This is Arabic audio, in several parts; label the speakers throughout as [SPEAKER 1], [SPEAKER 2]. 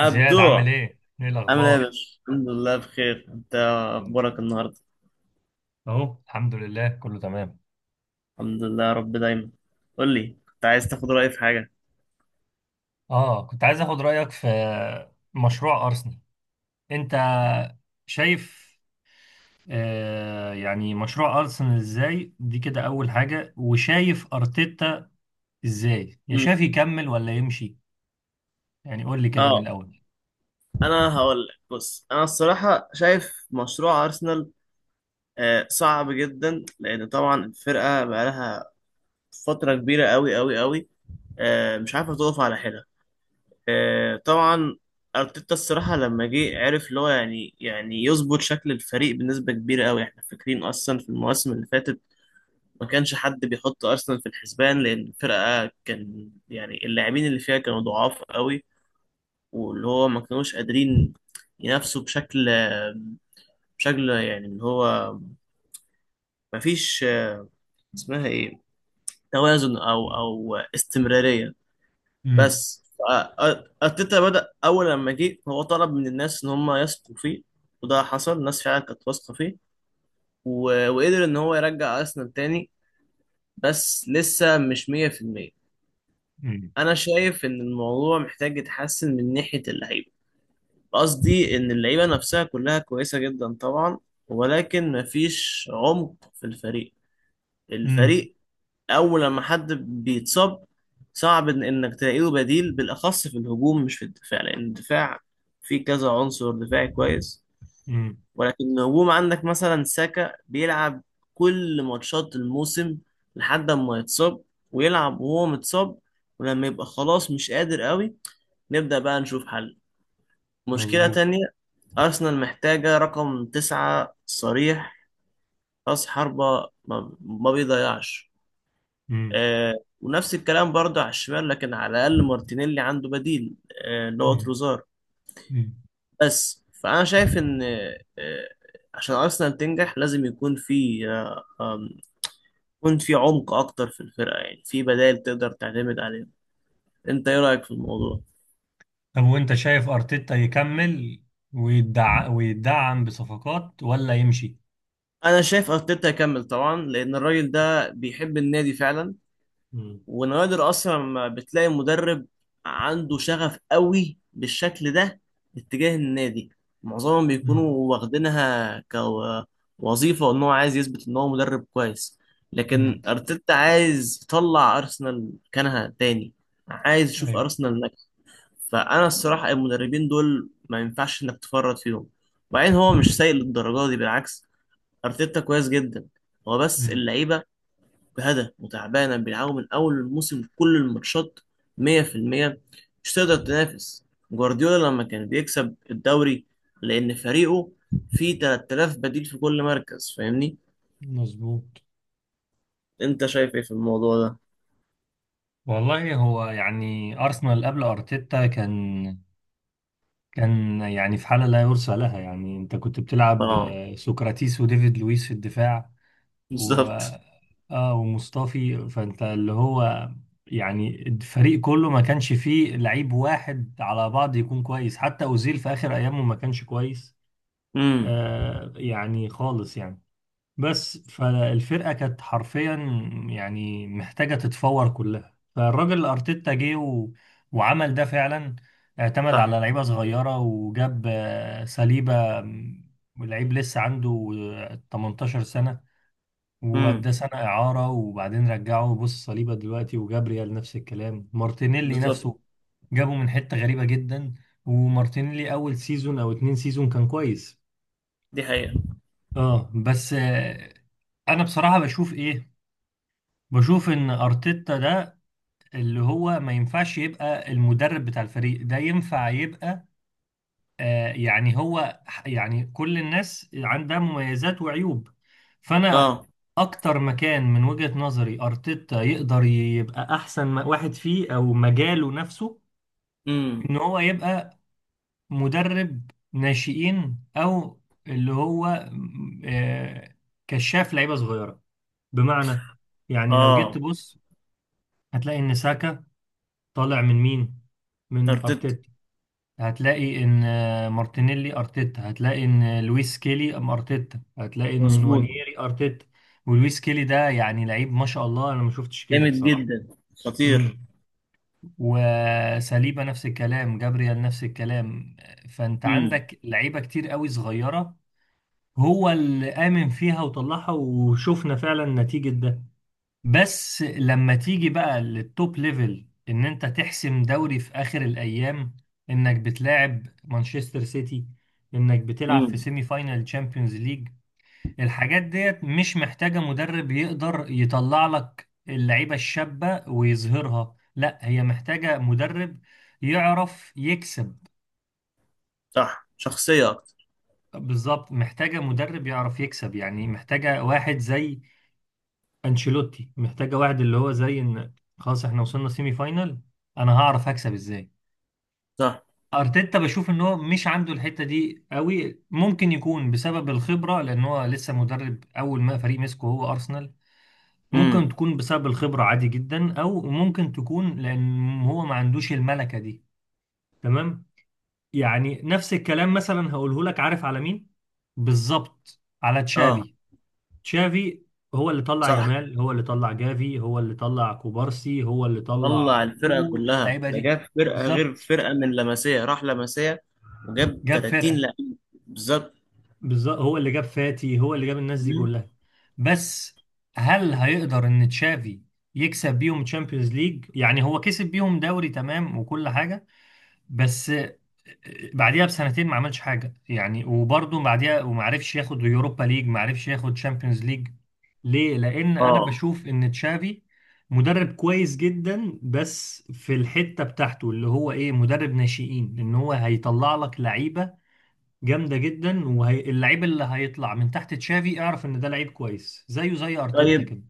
[SPEAKER 1] زياد، عامل ايه؟ ايه
[SPEAKER 2] عامل ايه يا
[SPEAKER 1] الاخبار؟
[SPEAKER 2] باشا؟ الحمد لله بخير، انت
[SPEAKER 1] مم.
[SPEAKER 2] اخبارك النهارده؟
[SPEAKER 1] اهو الحمد لله كله تمام.
[SPEAKER 2] الحمد لله يا رب دايما. قول لي، كنت عايز تاخد رأيي في حاجة؟
[SPEAKER 1] اه، كنت عايز اخد رايك في مشروع ارسنال. انت شايف يعني مشروع ارسنال ازاي دي كده، اول حاجه. وشايف ارتيتا ازاي، يا شايف
[SPEAKER 2] مم.
[SPEAKER 1] يكمل ولا يمشي، يعني قول لي كده من
[SPEAKER 2] اه،
[SPEAKER 1] الاول.
[SPEAKER 2] انا هقول لك. بص، انا الصراحة شايف مشروع ارسنال صعب جدا لان طبعا الفرقة بقالها فترة كبيرة قوي قوي قوي، مش عارفة تقف على حيلها. طبعا ارتيتا الصراحة لما جه عرف اللي هو يعني يظبط شكل الفريق بنسبة كبيرة قوي. احنا فاكرين اصلا في المواسم اللي فاتت ما كانش حد بيحط ارسنال في الحسبان، لان الفرقه كان يعني اللاعبين اللي فيها كانوا ضعاف قوي، واللي هو ما كانوش قادرين ينافسوا بشكل يعني اللي هو ما فيش اسمها ايه، توازن او استمراريه.
[SPEAKER 1] امم.
[SPEAKER 2] بس ارتيتا بدأ، اول لما جه هو طلب من الناس ان هم يثقوا فيه، وده حصل. الناس فعلا كانت واثقه فيه، و- وقدر ان هو يرجع ارسنال تاني، بس لسه مش 100%.
[SPEAKER 1] مم.
[SPEAKER 2] انا شايف ان الموضوع محتاج يتحسن من ناحيه اللعيبه. قصدي ان اللعيبه نفسها كلها كويسه جدا طبعا، ولكن مفيش عمق في الفريق.
[SPEAKER 1] امم.
[SPEAKER 2] الفريق اول لما حد بيتصاب صعب إن انك تلاقي له بديل، بالاخص في الهجوم مش في الدفاع، لان الدفاع فيه كذا عنصر دفاعي كويس.
[SPEAKER 1] مم.
[SPEAKER 2] ولكن الهجوم عندك مثلا ساكا بيلعب كل ماتشات الموسم لحد ما يتصاب، ويلعب وهو متصاب، ولما يبقى خلاص مش قادر قوي نبدأ بقى نشوف حل. مشكلة
[SPEAKER 1] مظبوط.
[SPEAKER 2] تانية، أرسنال محتاجة رقم تسعة صريح، رأس حربة ما بيضيعش.
[SPEAKER 1] مم.
[SPEAKER 2] آه. ونفس الكلام برضه على الشمال، لكن على الأقل مارتينيلي عنده بديل، اللي هو
[SPEAKER 1] امم.
[SPEAKER 2] تروزار.
[SPEAKER 1] امم.
[SPEAKER 2] بس فأنا شايف إن عشان أرسنال تنجح لازم آم، يكون في عمق أكتر في الفرقة، يعني في بدائل تقدر تعتمد عليها. أنت إيه رأيك في الموضوع؟
[SPEAKER 1] طب، وانت شايف ارتيتا يكمل ويدعم بصفقات ولا يمشي؟
[SPEAKER 2] أنا شايف أرتيتا يكمل طبعا، لأن الراجل ده بيحب النادي فعلا.
[SPEAKER 1] مم.
[SPEAKER 2] ونوادر اصلا ما بتلاقي مدرب عنده شغف قوي بالشكل ده اتجاه النادي. معظمهم بيكونوا
[SPEAKER 1] مم.
[SPEAKER 2] واخدينها كوظيفة، وان هو عايز يثبت ان هو مدرب كويس،
[SPEAKER 1] مم.
[SPEAKER 2] لكن ارتيتا عايز يطلع ارسنال مكانها تاني، عايز يشوف
[SPEAKER 1] ايوه.
[SPEAKER 2] ارسنال ناجحة. فانا الصراحة المدربين دول ما ينفعش انك تفرط فيهم. وبعدين هو مش سيء للدرجة دي، بالعكس، ارتيتا كويس جدا. هو بس
[SPEAKER 1] مم.
[SPEAKER 2] اللعيبة بهدف وتعبانة، بيلعبوا من أول الموسم كل الماتشات 100%، مش تقدر تنافس جوارديولا لما كان بيكسب الدوري، لأن فريقه فيه 3000 بديل في كل مركز، فاهمني؟
[SPEAKER 1] مظبوط.
[SPEAKER 2] أنت شايف إيه في الموضوع ده؟
[SPEAKER 1] والله هو يعني ارسنال قبل ارتيتا كان يعني في حاله لا يرثى لها، يعني انت كنت بتلعب
[SPEAKER 2] آه،
[SPEAKER 1] سقراطيس وديفيد لويس في الدفاع و
[SPEAKER 2] بالظبط.
[SPEAKER 1] اه ومصطفي فانت. اللي هو يعني الفريق كله ما كانش فيه لعيب واحد على بعض يكون كويس. حتى اوزيل في اخر ايامه ما كانش كويس.
[SPEAKER 2] امم.
[SPEAKER 1] يعني خالص يعني، بس فالفرقة كانت حرفيا يعني محتاجة تتفور كلها. فالراجل أرتيتا جه وعمل ده فعلا. اعتمد
[SPEAKER 2] صح.
[SPEAKER 1] على لعيبة صغيرة وجاب سليبة، لعيب لسه عنده 18 سنة،
[SPEAKER 2] امم.
[SPEAKER 1] وأداه سنة إعارة وبعدين رجعه. بص صليبة دلوقتي وجابريال نفس الكلام، مارتينيلي
[SPEAKER 2] بالظبط.
[SPEAKER 1] نفسه جابه من حتة غريبة جدا. ومارتينيلي أول سيزون أو 2 سيزون كان كويس.
[SPEAKER 2] دي حقيقة.
[SPEAKER 1] اه بس انا بصراحة بشوف ايه، بشوف ان ارتيتا ده اللي هو ما ينفعش يبقى المدرب بتاع الفريق ده، ينفع يبقى يعني هو يعني كل الناس عندها مميزات وعيوب، فانا
[SPEAKER 2] آه.
[SPEAKER 1] اكتر مكان من وجهة نظري ارتيتا يقدر يبقى احسن واحد فيه او مجاله نفسه،
[SPEAKER 2] امم.
[SPEAKER 1] ان هو يبقى مدرب ناشئين، او اللي هو كشاف لعيبة صغيرة. بمعنى، يعني لو جيت
[SPEAKER 2] آه.
[SPEAKER 1] تبص هتلاقي ان ساكا طالع من مين؟ من
[SPEAKER 2] أرتيتا.
[SPEAKER 1] ارتيتا. هتلاقي ان مارتينيلي ارتيتا، هتلاقي ان لويس كيلي ارتيتا، هتلاقي ان
[SPEAKER 2] مظبوط.
[SPEAKER 1] نوانييري ارتيتا. ولويس كيلي ده يعني لعيب، ما شاء الله، انا ما شفتش كده
[SPEAKER 2] جامد
[SPEAKER 1] بصراحة.
[SPEAKER 2] جدا، خطير.
[SPEAKER 1] امم. وساليبا نفس الكلام، جابريال نفس الكلام. فانت
[SPEAKER 2] امم.
[SPEAKER 1] عندك لعيبة كتير قوي صغيرة، هو اللي آمن فيها وطلعها وشفنا فعلا نتيجة ده. بس لما تيجي بقى للتوب ليفل، ان انت تحسم دوري في اخر الايام، انك بتلاعب مانشستر سيتي، انك بتلعب في
[SPEAKER 2] امم.
[SPEAKER 1] سيمي فاينال تشامبيونز ليج، الحاجات ديت مش محتاجة مدرب يقدر يطلع لك اللعيبة الشابة ويظهرها، لا، هي محتاجة مدرب يعرف يكسب.
[SPEAKER 2] صح، شخصية أكتر.
[SPEAKER 1] بالظبط، محتاجة مدرب يعرف يكسب، يعني محتاجة واحد زي انشيلوتي، محتاجه واحد اللي هو زي ان خلاص احنا وصلنا سيمي فاينال، انا هعرف هكسب ازاي.
[SPEAKER 2] صح.
[SPEAKER 1] ارتيتا بشوف ان هو مش عنده الحته دي قوي، ممكن يكون بسبب الخبره، لان هو لسه مدرب، اول ما فريق مسكه هو ارسنال. ممكن
[SPEAKER 2] امم.
[SPEAKER 1] تكون بسبب الخبره عادي جدا، او ممكن تكون لان هو ما عندوش الملكه دي. تمام. يعني نفس الكلام مثلا هقوله لك. عارف على مين؟ بالظبط، على
[SPEAKER 2] آه.
[SPEAKER 1] تشافي. تشافي هو اللي طلع
[SPEAKER 2] صح،
[SPEAKER 1] يامال، هو اللي طلع جافي، هو اللي طلع كوبارسي، هو اللي
[SPEAKER 2] طلع
[SPEAKER 1] طلع
[SPEAKER 2] الفرقة
[SPEAKER 1] كل
[SPEAKER 2] كلها،
[SPEAKER 1] اللعيبه
[SPEAKER 2] ده
[SPEAKER 1] دي.
[SPEAKER 2] جاب فرقة
[SPEAKER 1] بالظبط،
[SPEAKER 2] غير فرقة، من لمسية راح لمسية، وجاب
[SPEAKER 1] جاب
[SPEAKER 2] 30
[SPEAKER 1] فرقه.
[SPEAKER 2] لعيب. بالظبط.
[SPEAKER 1] بالظبط، هو اللي جاب فاتي، هو اللي جاب الناس دي
[SPEAKER 2] مم.
[SPEAKER 1] كلها. بس هل هيقدر ان تشافي يكسب بيهم تشامبيونز ليج؟ يعني هو كسب بيهم دوري، تمام وكل حاجه، بس بعديها بسنتين ما عملش حاجه يعني، وبرضه بعديها، وما عرفش ياخد يوروبا ليج، ما عرفش ياخد تشامبيونز ليج. ليه؟ لان انا
[SPEAKER 2] اه،
[SPEAKER 1] بشوف ان تشافي مدرب كويس جدا، بس في الحته بتاعته، اللي هو ايه؟ مدرب ناشئين، ان هو هيطلع لك لعيبه جامده جدا. واللعيب اللي هيطلع من تحت تشافي، اعرف ان ده لعيب كويس زيه زي ارتيتا
[SPEAKER 2] طيب،
[SPEAKER 1] كده.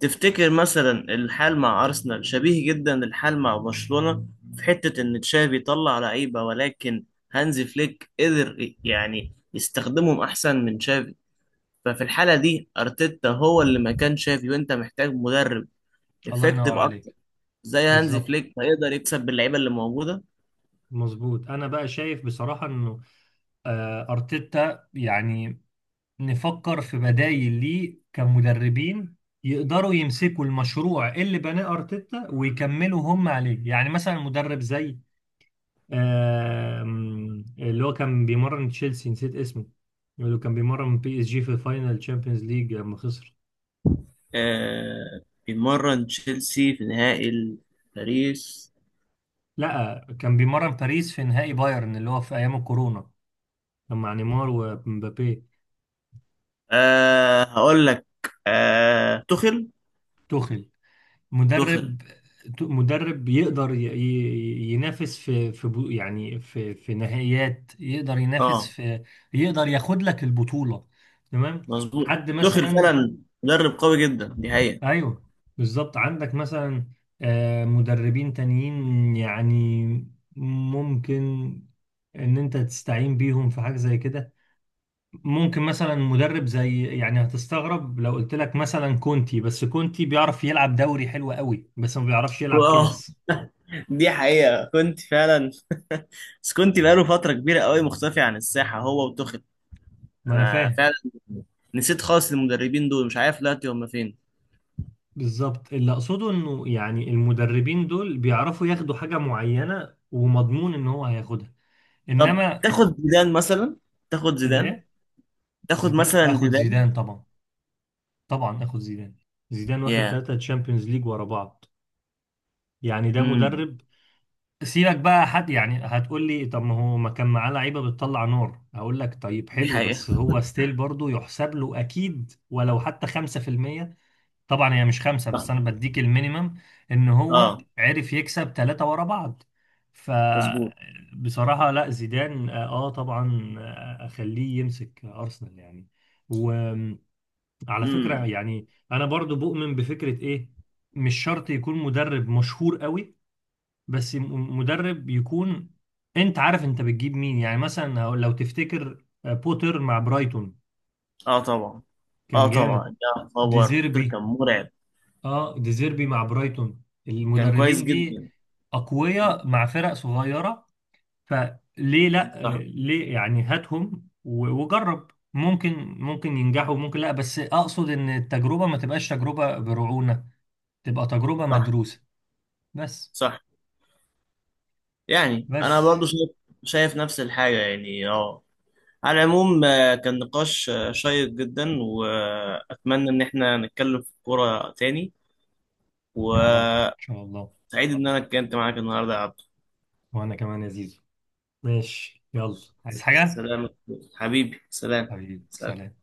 [SPEAKER 2] تفتكر مثلا الحال مع أرسنال شبيه جدا الحال مع برشلونة، في حتة إن تشافي طلع لعيبة ولكن هانزي فليك قدر يعني يستخدمهم أحسن من تشافي؟ ففي الحالة دي أرتيتا هو اللي مكان تشافي، وأنت محتاج مدرب
[SPEAKER 1] الله
[SPEAKER 2] افكتيف
[SPEAKER 1] ينور
[SPEAKER 2] أكتر
[SPEAKER 1] عليك.
[SPEAKER 2] زي هانزي
[SPEAKER 1] بالظبط،
[SPEAKER 2] فليك، هيقدر يكسب باللعيبة اللي موجودة.
[SPEAKER 1] مظبوط. انا بقى شايف بصراحه انه ارتيتا يعني نفكر في بدايل ليه كمدربين يقدروا يمسكوا المشروع اللي بناه أرتيتا ويكملوا هم عليه. يعني مثلا مدرب زي اللي هو كان بيمرن تشيلسي، نسيت اسمه. اللي هو كان بيمرن PSG في الفاينل تشامبيونز ليج لما خسر.
[SPEAKER 2] آه. بيمرن تشيلسي في نهائي باريس.
[SPEAKER 1] لا، كان بيمرن باريس في نهائي بايرن اللي هو في أيام الكورونا، كان مع نيمار ومبابي.
[SPEAKER 2] هقول لك، توخيل.
[SPEAKER 1] توخيل.
[SPEAKER 2] توخيل.
[SPEAKER 1] مدرب مدرب يقدر ينافس يعني في نهائيات، يقدر ينافس
[SPEAKER 2] اه،
[SPEAKER 1] في، يقدر ياخد لك البطولة. تمام.
[SPEAKER 2] مظبوط،
[SPEAKER 1] حد
[SPEAKER 2] توخيل
[SPEAKER 1] مثلا.
[SPEAKER 2] فعلا. مدرب قوي جدا، دي حقيقة.
[SPEAKER 1] ايوه، بالظبط. عندك مثلا مدربين تانيين يعني، ممكن ان انت تستعين بيهم في حاجة زي كده. ممكن مثلا مدرب زي، يعني هتستغرب لو قلت لك، مثلا كونتي. بس كونتي بيعرف يلعب دوري حلو قوي بس ما بيعرفش يلعب
[SPEAKER 2] اه،
[SPEAKER 1] كاس.
[SPEAKER 2] دي حقيقة. كنت فعلا، بس كنت بقاله فترة كبيرة قوي مختفي عن الساحة هو وتوخيل.
[SPEAKER 1] ما انا
[SPEAKER 2] انا
[SPEAKER 1] فاهم.
[SPEAKER 2] فعلا نسيت خالص المدربين دول، مش عارف دلوقتي هم فين.
[SPEAKER 1] بالظبط، اللي اقصده انه يعني المدربين دول بيعرفوا ياخدوا حاجة معينة ومضمون ان هو هياخدها،
[SPEAKER 2] طب
[SPEAKER 1] انما.
[SPEAKER 2] تاخد زيدان مثلا، تاخد زيدان،
[SPEAKER 1] الايه؟
[SPEAKER 2] تاخد
[SPEAKER 1] زيدان.
[SPEAKER 2] مثلا
[SPEAKER 1] اخد
[SPEAKER 2] زيدان.
[SPEAKER 1] زيدان طبعا. طبعا اخد زيدان. زيدان واخد
[SPEAKER 2] يا.
[SPEAKER 1] 3 تشامبيونز ليج ورا بعض، يعني ده
[SPEAKER 2] امم.
[SPEAKER 1] مدرب. سيبك بقى. حد يعني هتقول لي، طب ما هو ما كان معاه لعيبة بتطلع نار، هقول لك، طيب
[SPEAKER 2] دي
[SPEAKER 1] حلو،
[SPEAKER 2] حقيقة.
[SPEAKER 1] بس هو ستيل برضه يحسب له اكيد ولو حتى 5%. طبعا هي مش خمسة، بس أنا بديك المينيمم، إن هو
[SPEAKER 2] اه،
[SPEAKER 1] عرف يكسب 3 ورا بعض.
[SPEAKER 2] مظبوط.
[SPEAKER 1] فبصراحة لا، زيدان آه آه طبعا، أخليه يمسك أرسنال يعني. وعلى فكرة،
[SPEAKER 2] امم.
[SPEAKER 1] يعني أنا برضو بؤمن بفكرة إيه، مش شرط يكون مدرب مشهور قوي، بس مدرب يكون أنت عارف أنت بتجيب مين، يعني مثلا لو تفتكر بوتر مع برايتون،
[SPEAKER 2] اه، طبعا. اه،
[SPEAKER 1] كان
[SPEAKER 2] طبعا،
[SPEAKER 1] جامد.
[SPEAKER 2] يا خبر بوتر كان
[SPEAKER 1] ديزيربي.
[SPEAKER 2] مرعب.
[SPEAKER 1] اه، ديزيربي مع برايتون.
[SPEAKER 2] كان كويس
[SPEAKER 1] المدربين دي
[SPEAKER 2] جدا.
[SPEAKER 1] اقوياء مع فرق صغيره. فليه لا؟
[SPEAKER 2] صح.
[SPEAKER 1] ليه يعني؟ هاتهم وجرب، ممكن ينجحوا، ممكن لا، بس اقصد ان التجربه ما تبقاش تجربه برعونه، تبقى تجربه
[SPEAKER 2] صح.
[SPEAKER 1] مدروسه. بس
[SPEAKER 2] صح، يعني انا
[SPEAKER 1] بس.
[SPEAKER 2] برضو شايف، شايف نفس الحاجه يعني. اه. على العموم، كان نقاش شيق جدا، واتمنى ان احنا نتكلم في الكوره تاني.
[SPEAKER 1] يا رب، ان
[SPEAKER 2] وسعيد
[SPEAKER 1] شاء الله.
[SPEAKER 2] ان انا اتكلمت معاك النهارده يا عبد.
[SPEAKER 1] وانا كمان يا زيزو. ماشي، يلا، عايز حاجه؟
[SPEAKER 2] سلام. حبيبي سلام.
[SPEAKER 1] حبيبي،
[SPEAKER 2] سلام.
[SPEAKER 1] سلام.